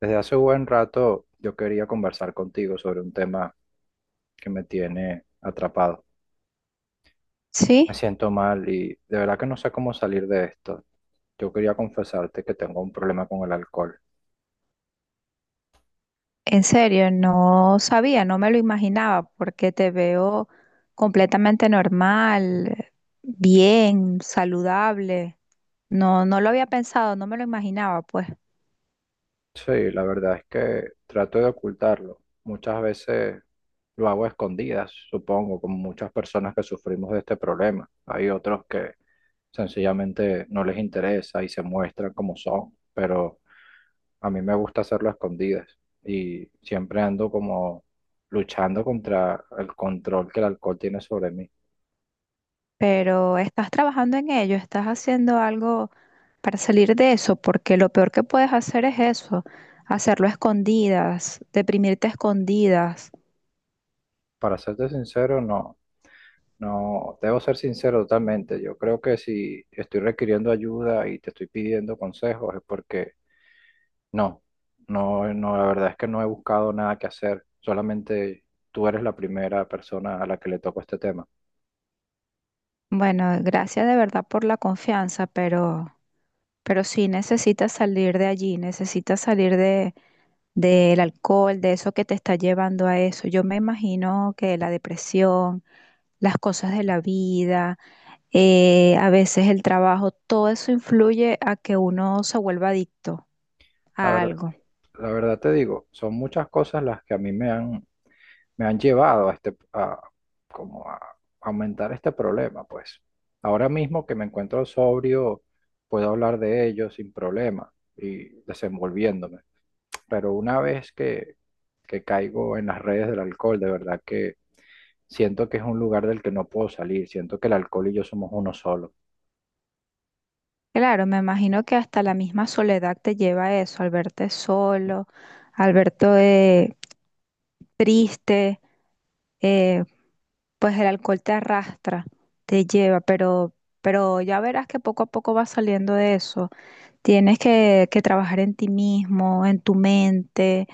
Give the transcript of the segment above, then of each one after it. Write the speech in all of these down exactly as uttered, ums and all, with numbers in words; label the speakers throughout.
Speaker 1: Desde hace buen rato yo quería conversar contigo sobre un tema que me tiene atrapado. Me
Speaker 2: Sí,
Speaker 1: siento mal y de verdad que no sé cómo salir de esto. Yo quería confesarte que tengo un problema con el alcohol.
Speaker 2: en serio, no sabía, no me lo imaginaba, porque te veo completamente normal, bien, saludable. No, no lo había pensado, no me lo imaginaba, pues.
Speaker 1: Sí, la verdad es que trato de ocultarlo. Muchas veces lo hago a escondidas, supongo, como muchas personas que sufrimos de este problema. Hay otros que sencillamente no les interesa y se muestran como son, pero a mí me gusta hacerlo a escondidas y siempre ando como luchando contra el control que el alcohol tiene sobre mí.
Speaker 2: Pero estás trabajando en ello, estás haciendo algo para salir de eso, porque lo peor que puedes hacer es eso, hacerlo a escondidas, deprimirte a escondidas.
Speaker 1: Para serte sincero, no, no, debo ser sincero totalmente. Yo creo que si estoy requiriendo ayuda y te estoy pidiendo consejos es porque no, no, no, la verdad es que no he buscado nada que hacer. Solamente tú eres la primera persona a la que le tocó este tema.
Speaker 2: Bueno, gracias de verdad por la confianza, pero Pero sí necesitas salir de allí, necesitas salir de, del alcohol, de eso que te está llevando a eso. Yo me imagino que la depresión, las cosas de la vida, eh, a veces el trabajo, todo eso influye a que uno se vuelva adicto
Speaker 1: La
Speaker 2: a
Speaker 1: verdad,
Speaker 2: algo.
Speaker 1: la verdad te digo, son muchas cosas las que a mí me han me han llevado a este, a, como a aumentar este problema, pues. Ahora mismo que me encuentro sobrio, puedo hablar de ello sin problema y desenvolviéndome. Pero una vez que, que caigo en las redes del alcohol, de verdad que siento que es un lugar del que no puedo salir, siento que el alcohol y yo somos uno solo.
Speaker 2: Claro, me imagino que hasta la misma soledad te lleva a eso, al verte solo, al verte triste, eh, pues el alcohol te arrastra, te lleva, pero, pero ya verás que poco a poco vas saliendo de eso. Tienes que, que trabajar en ti mismo, en tu mente.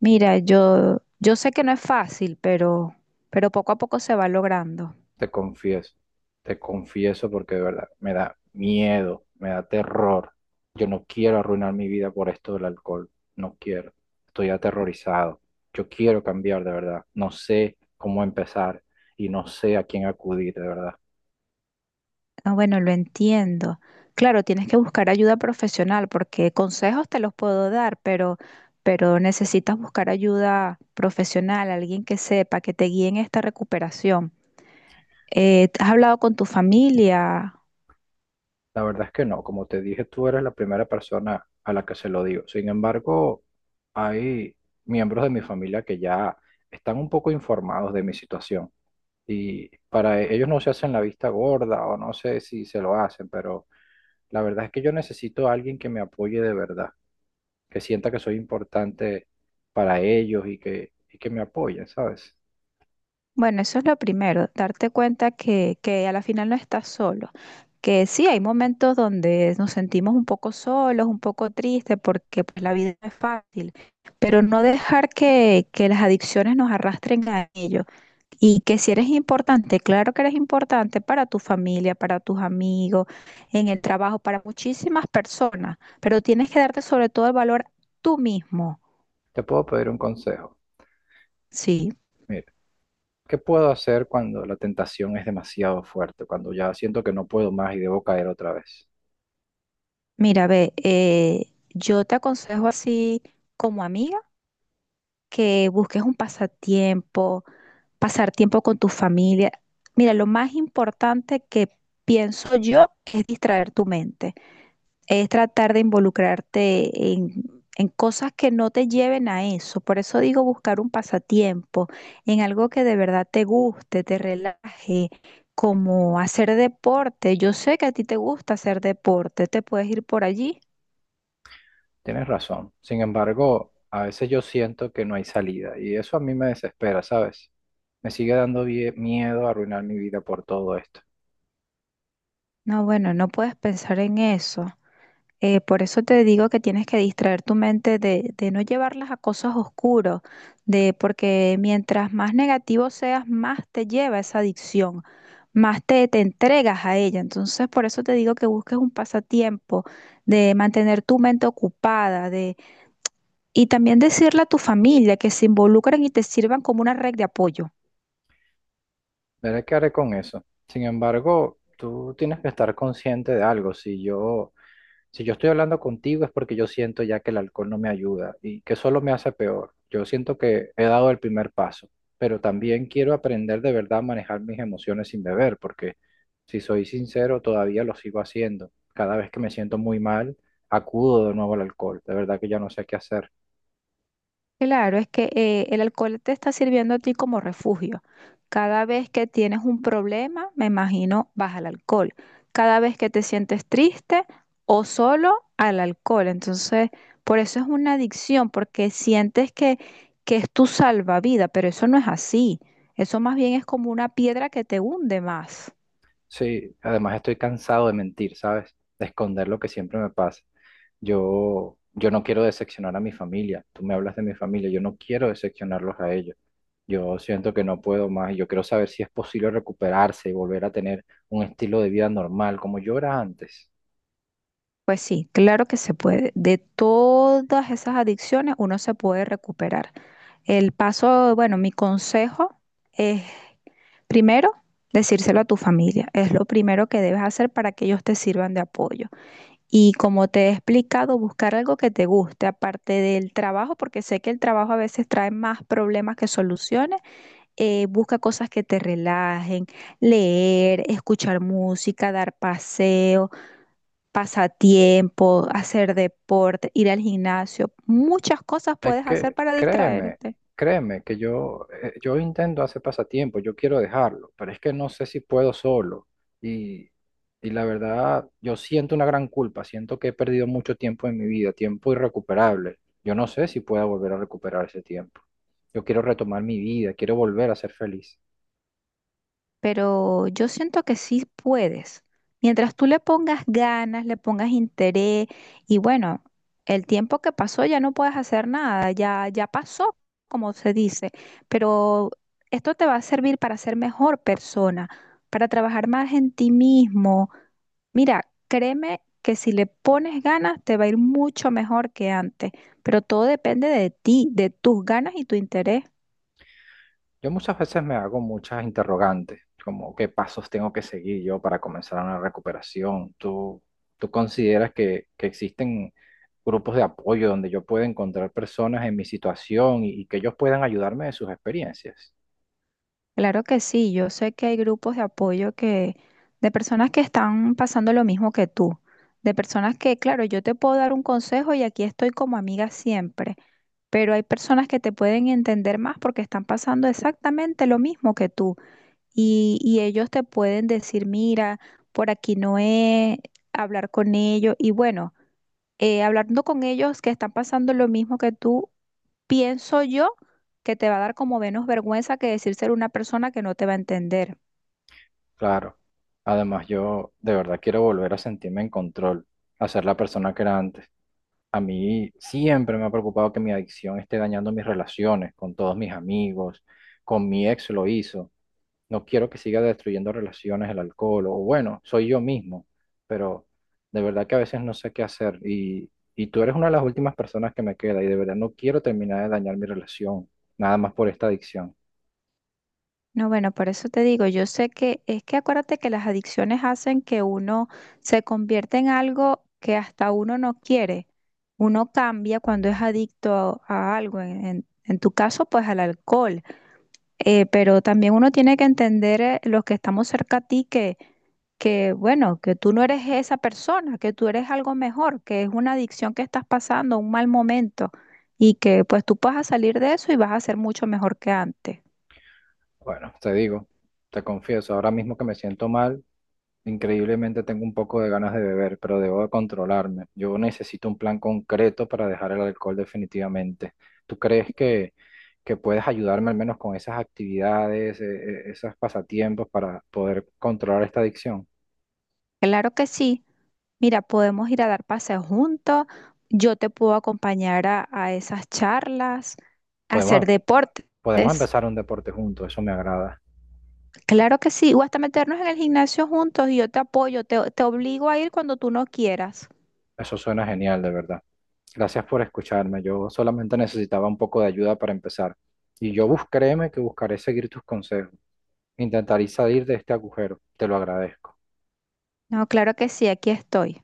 Speaker 2: Mira, yo, yo sé que no es fácil, pero, pero poco a poco se va logrando.
Speaker 1: Te confieso, te confieso porque de verdad me da miedo, me da terror. Yo no quiero arruinar mi vida por esto del alcohol, no quiero. Estoy aterrorizado. Yo quiero cambiar de verdad. No sé cómo empezar y no sé a quién acudir de verdad.
Speaker 2: Ah, bueno, lo entiendo. Claro, tienes que buscar ayuda profesional porque consejos te los puedo dar, pero, pero necesitas buscar ayuda profesional, alguien que sepa, que te guíe en esta recuperación. Eh, ¿has hablado con tu familia?
Speaker 1: La verdad es que no, como te dije, tú eres la primera persona a la que se lo digo. Sin embargo, hay miembros de mi familia que ya están un poco informados de mi situación. Y para e- ellos no se hacen la vista gorda o no sé si se lo hacen, pero la verdad es que yo necesito a alguien que me apoye de verdad, que sienta que soy importante para ellos y que, y que me apoye, ¿sabes?
Speaker 2: Bueno, eso es lo primero, darte cuenta que, que a la final no estás solo, que sí, hay momentos donde nos sentimos un poco solos, un poco tristes, porque pues, la vida no es fácil, pero no dejar que, que las adicciones nos arrastren a ello. Y que si eres importante, claro que eres importante para tu familia, para tus amigos, en el trabajo, para muchísimas personas, pero tienes que darte sobre todo el valor tú mismo.
Speaker 1: Te puedo pedir un consejo.
Speaker 2: Sí,
Speaker 1: Mira, ¿qué puedo hacer cuando la tentación es demasiado fuerte, cuando ya siento que no puedo más y debo caer otra vez?
Speaker 2: mira, ve, eh, yo te aconsejo así como amiga que busques un pasatiempo, pasar tiempo con tu familia. Mira, lo más importante que pienso yo es distraer tu mente. Es tratar de involucrarte en, en cosas que no te lleven a eso. Por eso digo buscar un pasatiempo, en algo que de verdad te guste, te relaje, como hacer deporte. Yo sé que a ti te gusta hacer deporte, te puedes ir por allí.
Speaker 1: Tienes razón. Sin embargo, a veces yo siento que no hay salida y eso a mí me desespera, ¿sabes? Me sigue dando vie- miedo arruinar mi vida por todo esto.
Speaker 2: No, bueno, no puedes pensar en eso. Eh, por eso te digo que tienes que distraer tu mente de, de no llevarlas a cosas oscuras, de porque mientras más negativo seas, más te lleva esa adicción, más te, te entregas a ella. Entonces, por eso te digo que busques un pasatiempo, de mantener tu mente ocupada, de, y también decirle a tu familia que se involucren y te sirvan como una red de apoyo.
Speaker 1: Verá qué haré con eso. Sin embargo, tú tienes que estar consciente de algo. Si yo, si yo estoy hablando contigo es porque yo siento ya que el alcohol no me ayuda y que solo me hace peor. Yo siento que he dado el primer paso, pero también quiero aprender de verdad a manejar mis emociones sin beber, porque si soy sincero, todavía lo sigo haciendo. Cada vez que me siento muy mal, acudo de nuevo al alcohol. De verdad que ya no sé qué hacer.
Speaker 2: Claro, es que eh, el alcohol te está sirviendo a ti como refugio. Cada vez que tienes un problema, me imagino, vas al alcohol. Cada vez que te sientes triste o solo, al alcohol. Entonces, por eso es una adicción, porque sientes que, que es tu salvavidas, pero eso no es así. Eso más bien es como una piedra que te hunde más.
Speaker 1: Sí, además estoy cansado de mentir, ¿sabes? De esconder lo que siempre me pasa. Yo, yo no quiero decepcionar a mi familia. Tú me hablas de mi familia, yo no quiero decepcionarlos a ellos. Yo siento que no puedo más. Yo quiero saber si es posible recuperarse y volver a tener un estilo de vida normal como yo era antes.
Speaker 2: Pues sí, claro que se puede. De todas esas adicciones uno se puede recuperar. El paso, bueno, mi consejo es primero, decírselo a tu familia. Es lo primero que debes hacer para que ellos te sirvan de apoyo. Y como te he explicado, buscar algo que te guste, aparte del trabajo, porque sé que el trabajo a veces trae más problemas que soluciones. Eh, busca cosas que te relajen, leer, escuchar música, dar paseo, pasatiempo, hacer deporte, ir al gimnasio. Muchas cosas
Speaker 1: Es
Speaker 2: puedes hacer
Speaker 1: que
Speaker 2: para
Speaker 1: créeme,
Speaker 2: distraerte.
Speaker 1: créeme que yo, eh, yo intento hacer pasatiempo, yo quiero dejarlo, pero es que no sé si puedo solo. Y, y la verdad, yo siento una gran culpa, siento que he perdido mucho tiempo en mi vida, tiempo irrecuperable. Yo no sé si pueda volver a recuperar ese tiempo. Yo quiero retomar mi vida, quiero volver a ser feliz.
Speaker 2: Pero yo siento que sí puedes. Mientras tú le pongas ganas, le pongas interés y bueno, el tiempo que pasó ya no puedes hacer nada, ya ya pasó, como se dice, pero esto te va a servir para ser mejor persona, para trabajar más en ti mismo. Mira, créeme que si le pones ganas te va a ir mucho mejor que antes, pero todo depende de ti, de tus ganas y tu interés.
Speaker 1: Yo muchas veces me hago muchas interrogantes, como qué pasos tengo que seguir yo para comenzar una recuperación. ¿Tú, tú consideras que, que existen grupos de apoyo donde yo pueda encontrar personas en mi situación y, y que ellos puedan ayudarme de sus experiencias?
Speaker 2: Claro que sí, yo sé que hay grupos de apoyo que, de personas que están pasando lo mismo que tú, de personas que, claro, yo te puedo dar un consejo y aquí estoy como amiga siempre, pero hay personas que te pueden entender más porque están pasando exactamente lo mismo que tú y, y ellos te pueden decir, mira, por aquí no es, hablar con ellos y bueno, eh, hablando con ellos que están pasando lo mismo que tú. Pienso yo que te va a dar como menos vergüenza que decir ser una persona que no te va a entender.
Speaker 1: Claro. Además, yo de verdad quiero volver a sentirme en control, a ser la persona que era antes. A mí siempre me ha preocupado que mi adicción esté dañando mis relaciones con todos mis amigos, con mi ex lo hizo. No quiero que siga destruyendo relaciones el alcohol, o bueno, soy yo mismo, pero de verdad que a veces no sé qué hacer y, y tú eres una de las últimas personas que me queda y de verdad no quiero terminar de dañar mi relación, nada más por esta adicción.
Speaker 2: No, bueno, por eso te digo, yo sé que es que acuérdate que las adicciones hacen que uno se convierta en algo que hasta uno no quiere. Uno cambia cuando es adicto a, a algo. En, en en tu caso, pues al alcohol. Eh, pero también uno tiene que entender eh, los que estamos cerca a ti que, que, bueno, que tú no eres esa persona, que tú eres algo mejor, que es una adicción que estás pasando, un mal momento, y que pues tú vas a salir de eso y vas a ser mucho mejor que antes.
Speaker 1: Bueno, te digo, te confieso, ahora mismo que me siento mal. Increíblemente tengo un poco de ganas de beber, pero debo de controlarme. Yo necesito un plan concreto para dejar el alcohol definitivamente. ¿Tú crees que, que puedes ayudarme al menos con esas actividades, eh, eh, esos pasatiempos para poder controlar esta adicción?
Speaker 2: Claro que sí. Mira, podemos ir a dar paseos juntos, yo te puedo acompañar a, a esas charlas, a hacer
Speaker 1: Podemos,
Speaker 2: deportes.
Speaker 1: podemos empezar un deporte juntos, eso me agrada.
Speaker 2: Claro que sí, o hasta meternos en el gimnasio juntos y yo te apoyo, te te obligo a ir cuando tú no quieras.
Speaker 1: Eso suena genial, de verdad. Gracias por escucharme. Yo solamente necesitaba un poco de ayuda para empezar. Y yo bus, créeme que buscaré seguir tus consejos. Intentaré salir de este agujero. Te lo agradezco.
Speaker 2: No, claro que sí, aquí estoy.